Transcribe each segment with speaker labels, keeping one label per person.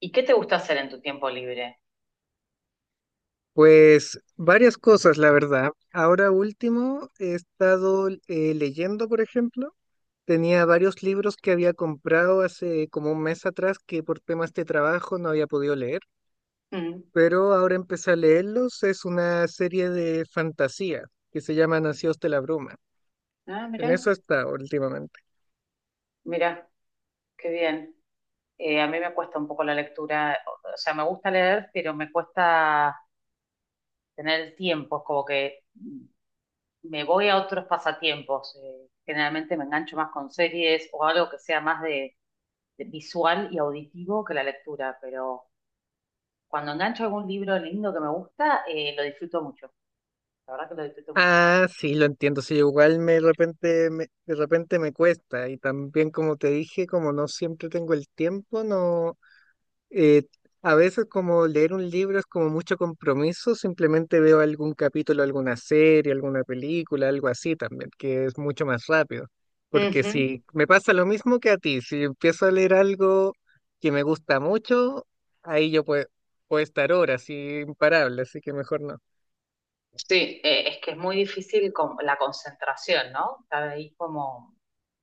Speaker 1: ¿Y qué te gusta hacer en tu tiempo libre?
Speaker 2: Pues varias cosas, la verdad. Ahora último, he estado leyendo, por ejemplo. Tenía varios libros que había comprado hace como un mes atrás que por temas de trabajo no había podido leer,
Speaker 1: Mm.
Speaker 2: pero ahora empecé a leerlos. Es una serie de fantasía que se llama Nacidos de la Bruma.
Speaker 1: Ah,
Speaker 2: En
Speaker 1: mira,
Speaker 2: eso está últimamente.
Speaker 1: mira, qué bien. A mí me cuesta un poco la lectura, o sea, me gusta leer, pero me cuesta tener el tiempo, es como que me voy a otros pasatiempos. Generalmente me engancho más con series o algo que sea más de visual y auditivo que la lectura, pero cuando engancho algún libro lindo que me gusta, lo disfruto mucho, la verdad que lo disfruto mucho.
Speaker 2: Ah, sí, lo entiendo. Sí, igual de repente me cuesta y también como te dije, como no siempre tengo el tiempo, no. Eh, a veces como leer un libro es como mucho compromiso, simplemente veo algún capítulo, alguna serie, alguna película, algo así también, que es mucho más rápido. Porque
Speaker 1: Ujú.
Speaker 2: si me pasa lo mismo que a ti, si empiezo a leer algo que me gusta mucho, ahí puedo estar horas y imparable, así que mejor no.
Speaker 1: Sí, es que es muy difícil con la concentración, ¿no? Estar ahí como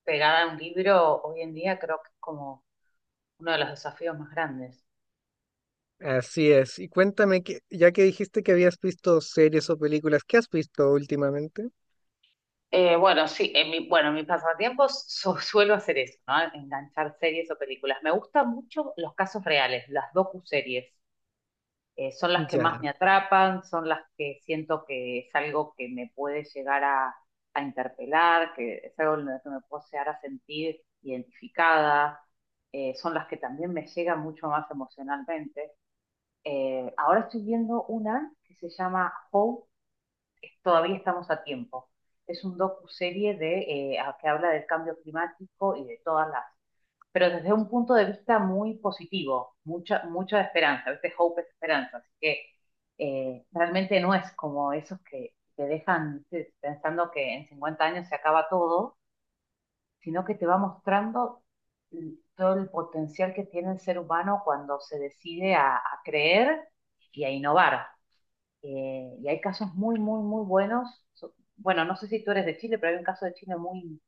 Speaker 1: pegada a un libro hoy en día creo que es como uno de los desafíos más grandes.
Speaker 2: Así es. Y cuéntame, que, ya que dijiste que habías visto series o películas, ¿qué has visto últimamente?
Speaker 1: Bueno, sí, bueno, en mis pasatiempos suelo hacer eso, ¿no? Enganchar series o películas. Me gustan mucho los casos reales, las docuseries. Son las que más
Speaker 2: Ya.
Speaker 1: me atrapan, son las que siento que es algo que me puede a interpelar, que es algo en lo que me puedo llegar a sentir identificada, son las que también me llegan mucho más emocionalmente. Ahora estoy viendo una que se llama How, todavía estamos a tiempo. Es un docu-serie que habla del cambio climático y de todas las, pero desde un punto de vista muy positivo, mucha, mucha esperanza, a veces hope es esperanza, así que realmente no es como esos que te dejan ¿viste? Pensando que en 50 años se acaba todo, sino que te va mostrando todo el potencial que tiene el ser humano cuando se decide a creer y a innovar. Y hay casos muy, muy, muy buenos. Bueno, no sé si tú eres de Chile, pero hay un caso de Chile muy,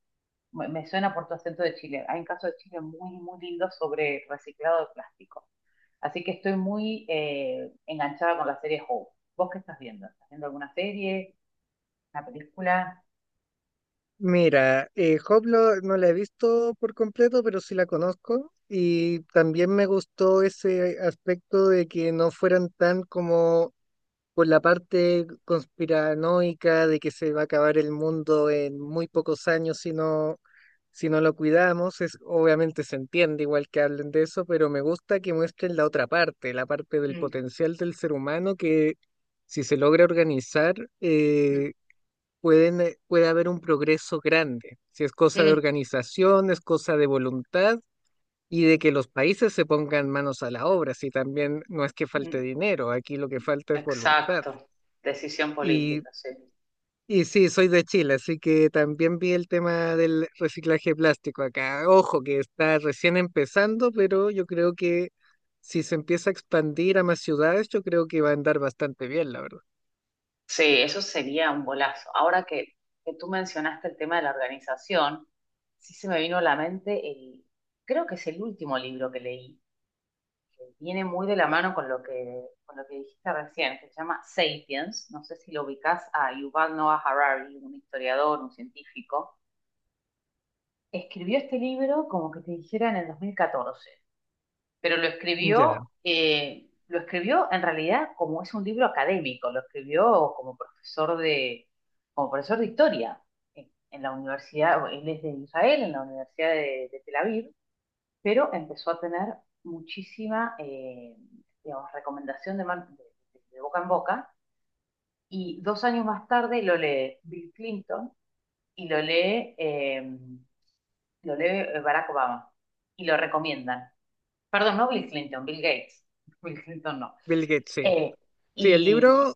Speaker 1: me suena por tu acento de Chile, hay un caso de Chile muy, muy lindo sobre reciclado de plástico. Así que estoy muy enganchada con la serie Hope. ¿Vos qué estás viendo? ¿Estás viendo alguna serie, una película?
Speaker 2: Mira, Hoplo no la he visto por completo, pero sí la conozco. Y también me gustó ese aspecto de que no fueran tan como por la parte conspiranoica de que se va a acabar el mundo en muy pocos años si no lo cuidamos. Es, obviamente se entiende igual que hablen de eso, pero me gusta que muestren la otra parte, la parte del
Speaker 1: Mm,
Speaker 2: potencial del ser humano que si se logra organizar,
Speaker 1: mm,
Speaker 2: eh, puede haber un progreso grande. Si es cosa de
Speaker 1: mm,
Speaker 2: organización, es cosa de voluntad y de que los países se pongan manos a la obra. Si también no es que
Speaker 1: mm.
Speaker 2: falte dinero, aquí lo que falta es voluntad.
Speaker 1: Exacto. Decisión
Speaker 2: Y,
Speaker 1: política, sí.
Speaker 2: y sí, soy de Chile, así que también vi el tema del reciclaje plástico acá. Ojo, que está recién empezando, pero yo creo que si se empieza a expandir a más ciudades, yo creo que va a andar bastante bien, la verdad.
Speaker 1: Sí, eso sería un golazo. Que tú mencionaste el tema de la organización, sí se me vino a la mente el, creo que es el último libro que leí, que viene muy de la mano con con lo que dijiste recién, que se llama Sapiens. No sé si lo ubicás a Yuval Noah Harari, un historiador, un científico. Escribió este libro como que te dijera en el 2014, pero
Speaker 2: Ya,
Speaker 1: lo escribió en realidad como es un libro académico, lo escribió como profesor de historia en la universidad, él es de Israel, en la Universidad de Tel Aviv, pero empezó a tener muchísima, digamos, recomendación de, man- de boca en boca, y dos años más tarde lo lee Bill Clinton y lo lee Barack Obama, y lo recomiendan. Perdón, no Bill Clinton, Bill Gates. Bill Clinton no.
Speaker 2: Bill Gates, sí.
Speaker 1: Eh,
Speaker 2: Sí, el
Speaker 1: y
Speaker 2: libro.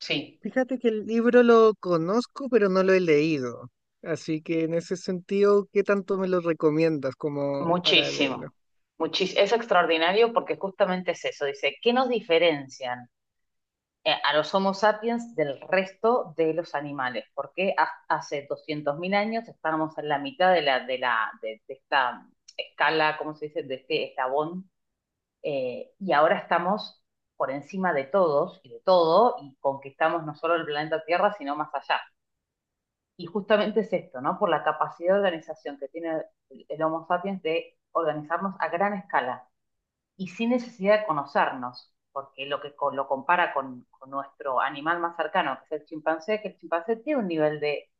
Speaker 1: sí,
Speaker 2: Fíjate que el libro lo conozco, pero no lo he leído. Así que en ese sentido, ¿qué tanto me lo recomiendas como para leerlo?
Speaker 1: muchísimo. Es extraordinario porque justamente es eso. Dice, ¿qué nos diferencian a los Homo sapiens del resto de los animales? Porque hace 200.000 años estábamos en la mitad de esta escala, ¿cómo se dice? De este eslabón. Y ahora estamos por encima de todos y de todo y conquistamos no solo el planeta Tierra, sino más allá. Y justamente es esto, ¿no? Por la capacidad de organización que tiene el Homo sapiens de organizarnos a gran escala y sin necesidad de conocernos, porque lo compara con nuestro animal más cercano, que es el chimpancé, que el chimpancé tiene un nivel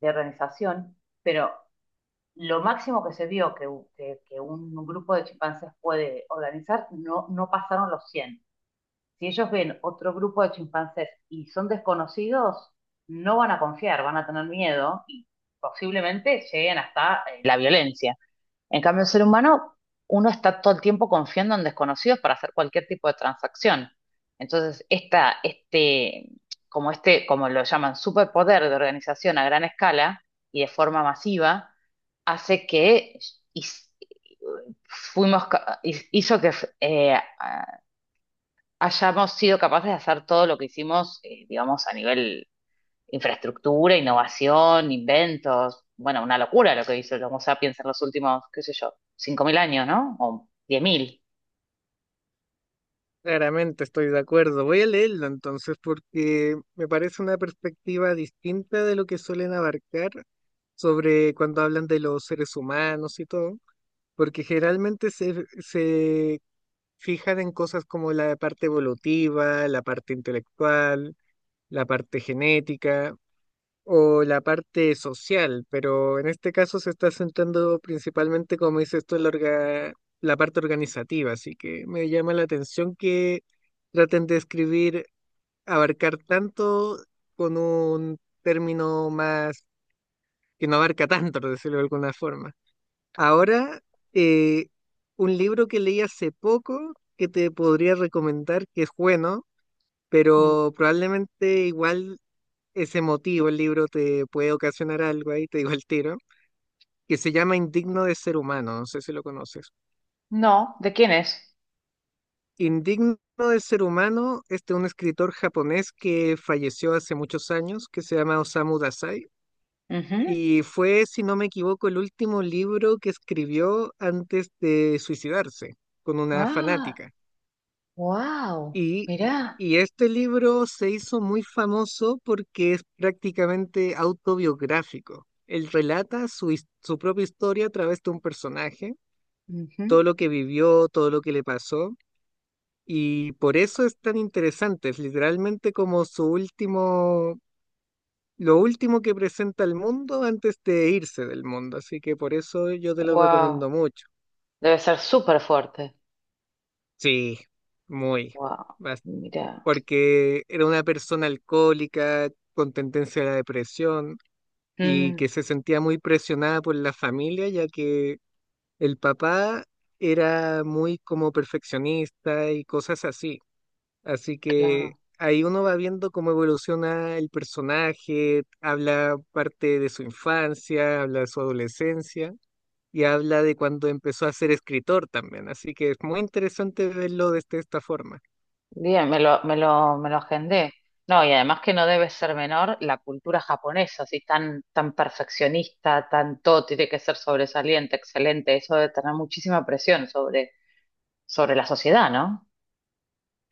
Speaker 1: de organización, pero lo máximo que se vio que un grupo de chimpancés puede organizar no, no pasaron los cien, si ellos ven otro grupo de chimpancés y son desconocidos, no van a confiar, van a tener miedo y posiblemente lleguen hasta la violencia. En cambio, el ser humano, uno está todo el tiempo confiando en desconocidos para hacer cualquier tipo de transacción. Entonces, esta, este, como lo llaman, superpoder de organización a gran escala y de forma masiva, hace que y- fuimos, ca- hizo que eh, hayamos sido capaces de hacer todo lo que hicimos, digamos, a nivel infraestructura, innovación, inventos. Bueno, una locura lo que hizo el Homo sapiens en los últimos, qué sé yo, 5.000 años, ¿no? O 10.000.
Speaker 2: Claramente estoy de acuerdo. Voy a leerlo entonces porque me parece una perspectiva distinta de lo que suelen abarcar sobre cuando hablan de los seres humanos y todo, porque generalmente se fijan en cosas como la parte evolutiva, la parte intelectual, la parte genética, o la parte social, pero en este caso se está centrando principalmente, como dices tú, en la parte organizativa, así que me llama la atención que traten de escribir, abarcar tanto con un término más que no abarca tanto, por decirlo de alguna forma. Ahora, eh, un libro que leí hace poco que te podría recomendar, que es bueno,
Speaker 1: Mm.
Speaker 2: pero probablemente igual ese motivo, el libro te puede ocasionar algo ahí, te digo el tiro, que se llama Indigno de ser humano, no sé si lo conoces.
Speaker 1: No, ¿de quién es?
Speaker 2: Indigno de ser humano es de un escritor japonés que falleció hace muchos años, que se llama Osamu Dazai,
Speaker 1: Ujú.
Speaker 2: y fue, si no me equivoco, el último libro que escribió antes de suicidarse con una
Speaker 1: Ah,
Speaker 2: fanática.
Speaker 1: wow,
Speaker 2: Y,
Speaker 1: mirá.
Speaker 2: y este libro se hizo muy famoso porque es prácticamente autobiográfico. Él relata su propia historia a través de un personaje,
Speaker 1: Ujú.
Speaker 2: todo lo que vivió, todo lo que le pasó, y por eso es tan interesante. Es literalmente como su último, lo último que presenta al mundo antes de irse del mundo. Así que por eso yo te lo recomiendo
Speaker 1: Wow.
Speaker 2: mucho.
Speaker 1: Debe ser súper fuerte.
Speaker 2: Sí, muy.
Speaker 1: Wow, mirá.
Speaker 2: Porque era una persona alcohólica con tendencia a la depresión y
Speaker 1: Mm,
Speaker 2: que se sentía muy presionada por la familia, ya que el papá era muy como perfeccionista y cosas así. Así que
Speaker 1: claro.
Speaker 2: ahí uno va viendo cómo evoluciona el personaje, habla parte de su infancia, habla de su adolescencia. Y habla de cuando empezó a ser escritor también, así que es muy interesante verlo desde esta forma.
Speaker 1: Bien, me lo agendé. No, y además que no debe ser menor la cultura japonesa, así tan, tan perfeccionista, tan todo tiene que ser sobresaliente, excelente. Eso debe tener muchísima presión sobre la sociedad, ¿no?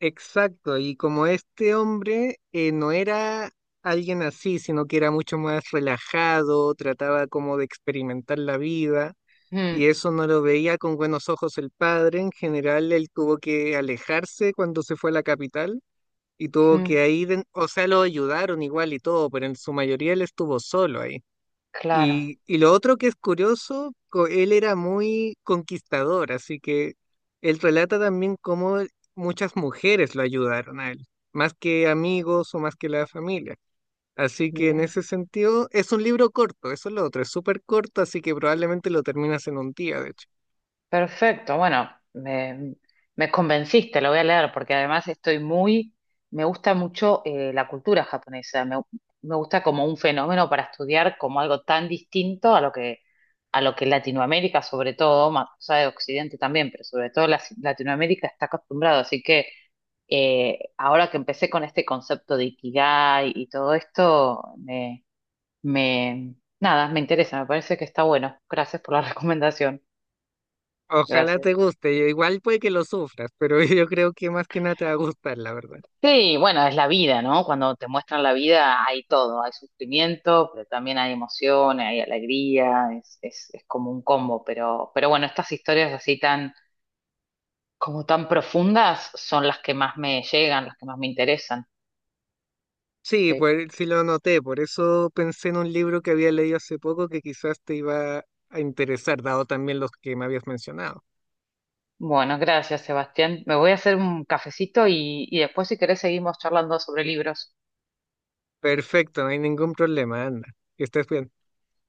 Speaker 2: Exacto, y como este hombre no era alguien así, sino que era mucho más relajado, trataba como de experimentar la vida,
Speaker 1: Mm,
Speaker 2: y eso no lo veía con buenos ojos el padre, en general él tuvo que alejarse cuando se fue a la capital y tuvo
Speaker 1: mm,
Speaker 2: que ahí, o sea, lo ayudaron igual y todo, pero en su mayoría él estuvo solo ahí.
Speaker 1: claro,
Speaker 2: Y lo otro que es curioso, él era muy conquistador, así que él relata también cómo muchas mujeres lo ayudaron a él, más que amigos o más que la familia. Así que en
Speaker 1: mire.
Speaker 2: ese sentido, es un libro corto, eso es lo otro, es súper corto, así que probablemente lo terminas en un día, de hecho.
Speaker 1: Perfecto, bueno, me convenciste, lo voy a leer porque además estoy muy, me gusta mucho la cultura japonesa, me gusta como un fenómeno para estudiar como algo tan distinto a a lo que Latinoamérica sobre todo, más o sea, de Occidente también, pero sobre todo Latinoamérica está acostumbrado, así que ahora que empecé con este concepto de Ikigai y todo esto, me, nada, me interesa, me parece que está bueno. Gracias por la recomendación,
Speaker 2: Ojalá
Speaker 1: gracias.
Speaker 2: te guste, igual puede que lo sufras, pero yo creo que más que nada te va a gustar, la verdad.
Speaker 1: Sí, bueno, es la vida, ¿no? Cuando te muestran la vida hay todo, hay sufrimiento, pero también hay emoción, hay alegría, es como un combo, pero bueno, estas historias así como tan profundas son las que más me llegan, las que más me interesan.
Speaker 2: Sí,
Speaker 1: Sí.
Speaker 2: pues sí lo noté, por eso pensé en un libro que había leído hace poco que quizás te iba a interesar, dado también los que me habías mencionado.
Speaker 1: Bueno, gracias, Sebastián. Me voy a hacer un cafecito y después si querés seguimos charlando sobre libros.
Speaker 2: Perfecto, no hay ningún problema, anda. Que estés bien.